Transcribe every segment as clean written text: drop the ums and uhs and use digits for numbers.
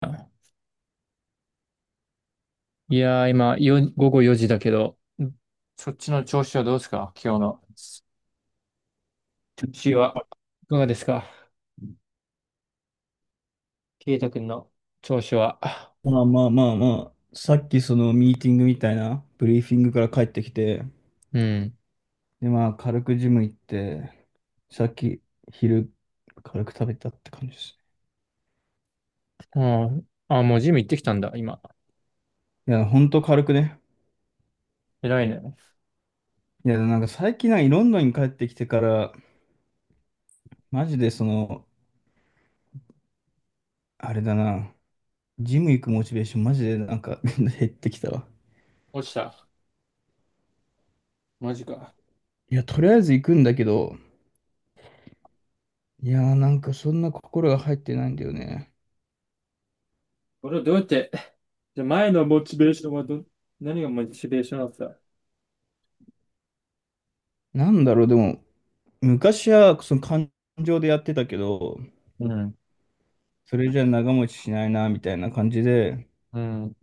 あいやー、今、午後4時だけど、そっちの調子はどうですか今日の？調子は？いかがですかケイタ君の調子は？まあまあまあまあ、さっきそのミーティングみたいな、ブリーフィングから帰ってきて、うん。でまあ軽くジム行って、さっき昼軽く食べたって感じです。あーあー、もうジム行ってきたんだ、今。いや、ほんと軽くね。偉いね。いや、なんか最近なんかロンドンに帰ってきてから、マジでその、あれだな、ジム行くモチベーションマジでなんか 減ってきたわ。落ちた。マジか。いや、とりあえず行くんだけど、いやーなんかそんな心が入ってないんだよね。俺はどうやって、じゃあ前のモチベーションは何がモチベーションだった？なんだろう、でも、昔はその感情でやってたけど、うん。それじゃ長持ちしないな、みたいな感じで、うん。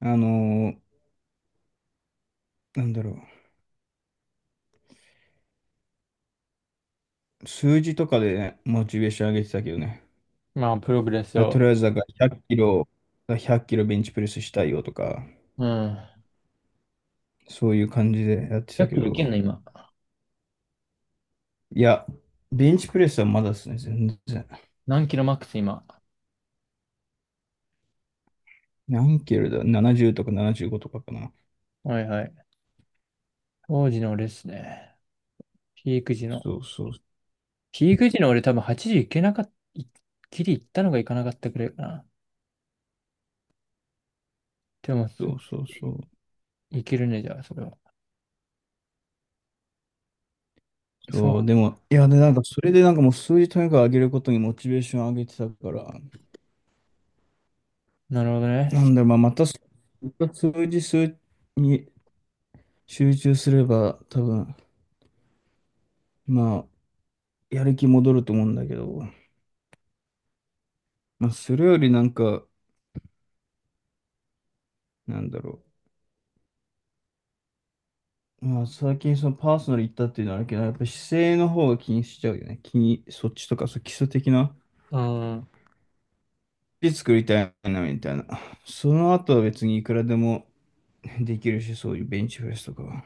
あのーなんだろう、数字とかでね、モチベーション上げてたけどね。まあ、プログレスだとを。りあえず、だから100キロ、100キロベンチプレスしたいよとか、うん。そういう感じでやって100たけキロいど、けんの、今？いや、ベンチプレスはまだですね、全然。何キロマックス、今？何キロだ ?70 とか75とかかな。はいはい。当時のレースね。ピーク時の。そうそうピーク時の俺多分8時いけなかった、ギリ行ったのがいかなかったくらいかな。でも、そうそうそう。いけるね、じゃあ、それは。そそう、でも、いや、で、なんか、それでなんかもう数字とにかく上げることにモチベーション上げてたから、う、なるほどね。なんだろう、まあ、またそ数字数に集中すれば、多分、まあ、やる気戻ると思うんだけど、まあ、それよりなんか、なんだろう、まあ、最近そのパーソナル行ったっていうのはあるけど、やっぱ姿勢の方が気にしちゃうよね。気に、そっちとか、そう基礎的な、うん、で作りたいな、みたいな。その後は別にいくらでもできるし、そういうベンチプレスとかは。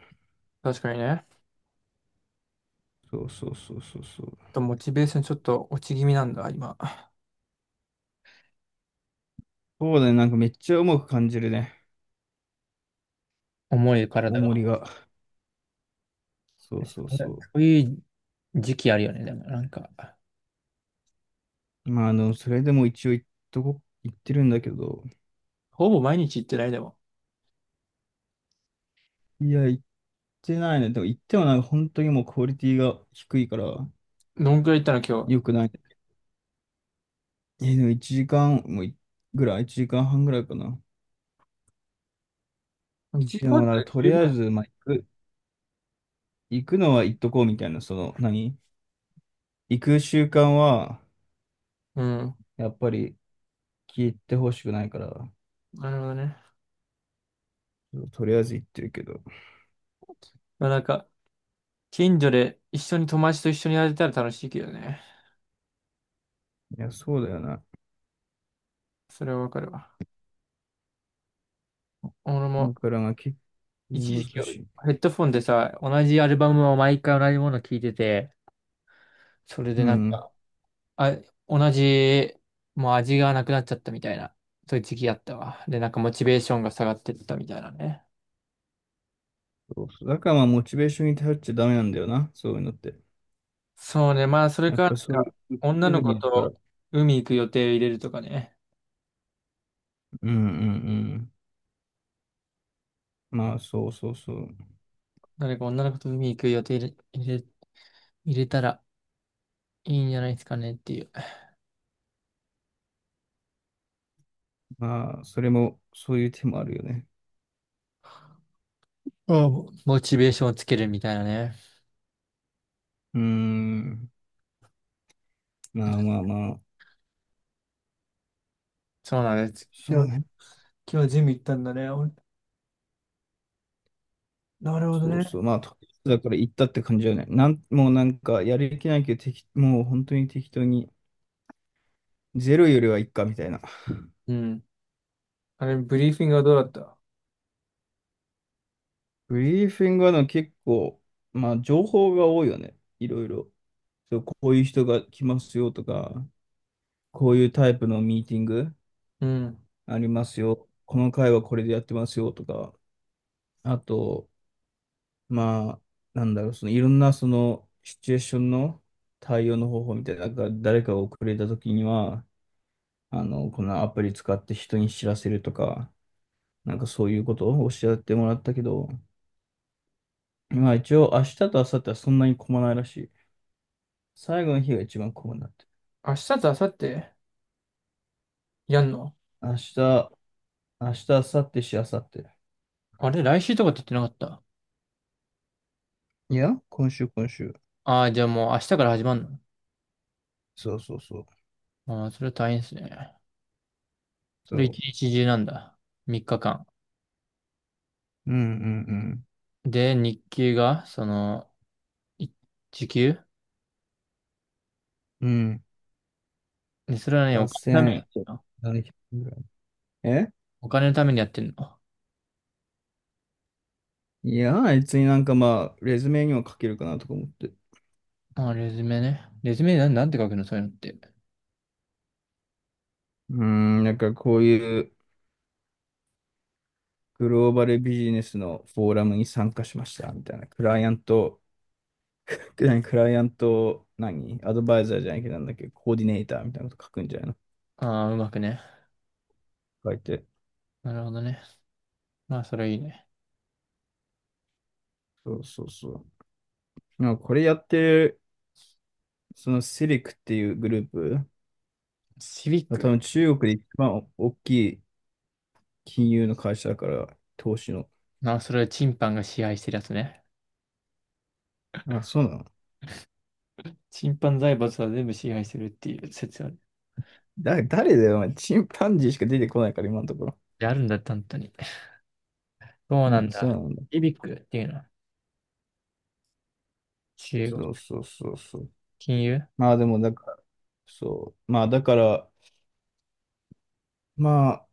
確かにね。そうそうそうそうそう。あと、モチベーションちょっと落ち気味なんだ、今。そうだね、なんかめっちゃ重く感じるね。重い体重りが。が。そうそうそう。そういう時期あるよね、でも、なんか。まあ、あの、それでも一応言ってるんだけど、ほぼ毎日行ってない、でも。いや、言ってないね。でも言ってもなんか本当にもうクオリティが低いからどんくらい行ったの、今日？良くないね。え、でも1時間もいぐらい、1時間半ぐらいかな。1で時間もなくんらいかと十り分。あえず、まあ、く、行くのは行っとこうみたいな、その、何行く習慣は、うん、やっぱり聞いてほしくないから、なるほどね。とりあえず行ってるけど。まあ、なんか、近所で一緒に友達と一緒にやれたら楽しいけどね。いや、そうだよな。それはわかるわ。俺だもからまあ結一構時期難ヘしい。ッドフォンでさ、同じアルバムを毎回同じもの聴いてて、それでうなんん。か、あ、同じ、もう味がなくなっちゃったみたいな、そういう時期あったわ。で、なんかモチベーションが下がってったみたいなね。そうそう。だからまあ、モチベーションに頼っちゃダメなんだよな、そういうのって。そうね、まあそれやっか、ぱりなんそういか、う、生き女てるのに子いるから。と海行く予定を入れるとかね。うんうんうん。まあ、そうそうそう。誰か女の子と海行く予定れ、入れ、入れたらいいんじゃないですかねっていう。あまあ、それも、そういう手もあるよね。あもうモチベーションをつけるみたいなね。うーん。まあまあまあ、そうなんです。そ今う日、ね。今日ジム行ったんだね。おなるほどそうね。そう。まあ、とりあえずだから行ったって感じだよね。もうなんか、やる気ないけど、もう本当に適当に、ゼロよりはいっか、みたいな。うん。あれ、ブリーフィングはどうだった？ブリーフィングはでも結構、まあ、情報が多いよね。いろいろ。そう、こういう人が来ますよとか。こういうタイプのミーティングうん。ありますよ。この回はこれでやってますよとか、あと、まあ、なんだろう、そのいろんなそのシチュエーションの対応の方法みたいな、なんか誰かが遅れた時には、あの、このアプリ使って人に知らせるとか、なんかそういうことをおっしゃってもらったけど、まあ一応明日と明後日はそんなに混まないらしい。最後の日が一番混むんだって。明日と明後日やんの？明日、明日、明後日。あれ来週とかって言ってなかった？いや、今週、今週。ああー、じゃあもう明日から始まるの？そうそうそう。ああー、それ大変ですね。そそれ一う。日中なんだ。3日間。うんうんで、日給が、その、い時給うん。うん。ね、それはね、お金のためにやってんの？8700ぐらい。えお金のためにやってんの？いや、別になんかまあ、レズメには書けるかなとか思って。うああ、レズメね。レズメなんて書くのそういうのって？ーん、なんかこういうグローバルビジネスのフォーラムに参加しましたみたいな。クライアント、何クライアント、何アドバイザーじゃないけどなんだっけ、コーディネーターみたいなこと書くんじゃないのああ、うまくね。書いて。なるほどね。まあ、それいいね。そうそうそう。なんかこれやってる、そのセリクっていうグループ、シビッ多ク。分中国で一番大きい金融の会社だから、投資の。まあ、それはチンパンが支配してるやつね。あ、そうなの。チンパン財閥は全部支配してるっていう説ある。誰だよ、お前 チンパンジーしか出てこないから、今のところ。であるんだっ本当に。そうなうんん、そうだ。なんだ。イビックっていうのは中国。そうそうそうそう。金融まあでも、だから、そう。まあだから、まあ、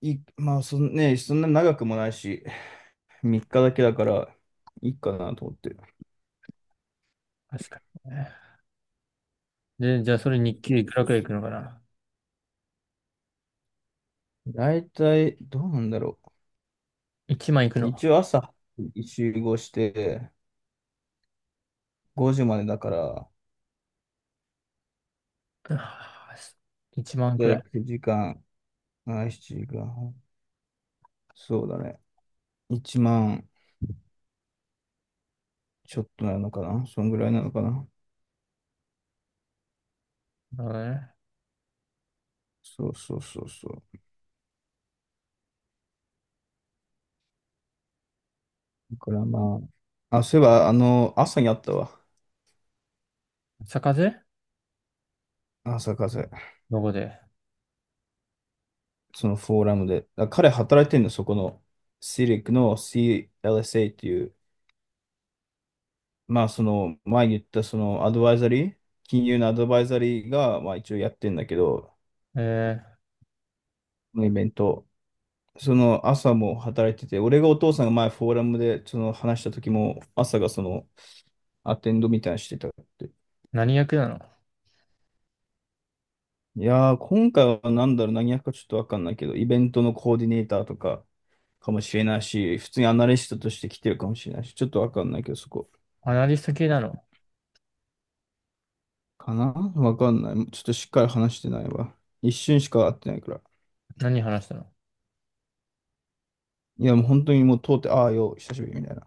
い、まあそんね、そんな長くもないし、3日だけだから、いいかなと思ってる。確かにね。で、じゃあそれ日そう給いくらそくうらいいそくのかな？ う。大体、どうなんだろ 1 万いくう。の？一応朝、集合して、5時までだから、1万くらい。9時間、ま7時間。そうだね。1万ちょっとなのかなそんぐらいなのかな、なるほどね。そうそうそうそう。だからまあ、あ、そういえば、あの、朝にあったわ。坂税。朝風。どこで？そのフォーラムで。あ彼働いてんの、そこの。シリックの CLSA っていう、まあその、前言ったそのアドバイザリー、金融のアドバイザリーが、まあ一応やってんだけど、えー、このイベント。その朝も働いてて、俺がお父さんが前フォーラムでその話した時も、朝がその、アテンドみたいなのしてたって。何役なの？いやー、今回はなんだろう、何役かちょっとわかんないけど、イベントのコーディネーターとかかもしれないし、普通にアナリストとして来てるかもしれないし、ちょっとわかんないけど、そこ。アナリスト系なの？かなわかんない。ちょっとしっかり話してないわ。一瞬しか会ってないから。何話したの？いや、もう本当にもう通って、ああよ、久しぶりみたいな。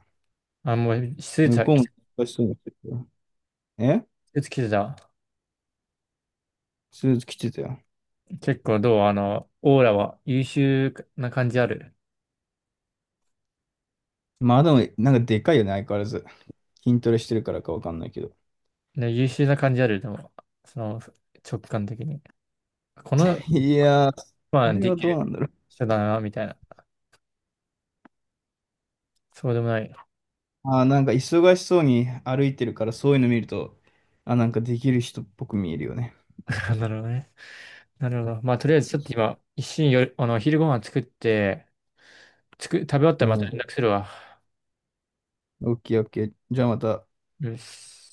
あ、もう、向こうもス忙しそうにしてるよ。え、ーツ着てた？スーツ着てたよ。結構どうあの、オーラは優秀な感じある？まあでも、なんかでかいよね、相変わらず。筋トレしてるからかわかんないけど。で優秀な感じある、でも、その直感的に。この、いやー、まあ、これではきどうなるんだろう。人だな、みたいな。そうでもない。あー、なんか忙しそうに歩いてるから、そういうの見ると、あ、なんかできる人っぽく見えるよね。なるほどね。なるほど。まあ、とりあえずちょっと今、一瞬よ、昼ご飯作って、食べ終わったうらまた連ん。絡するわ。オッケーオッケー。じゃあまた。よし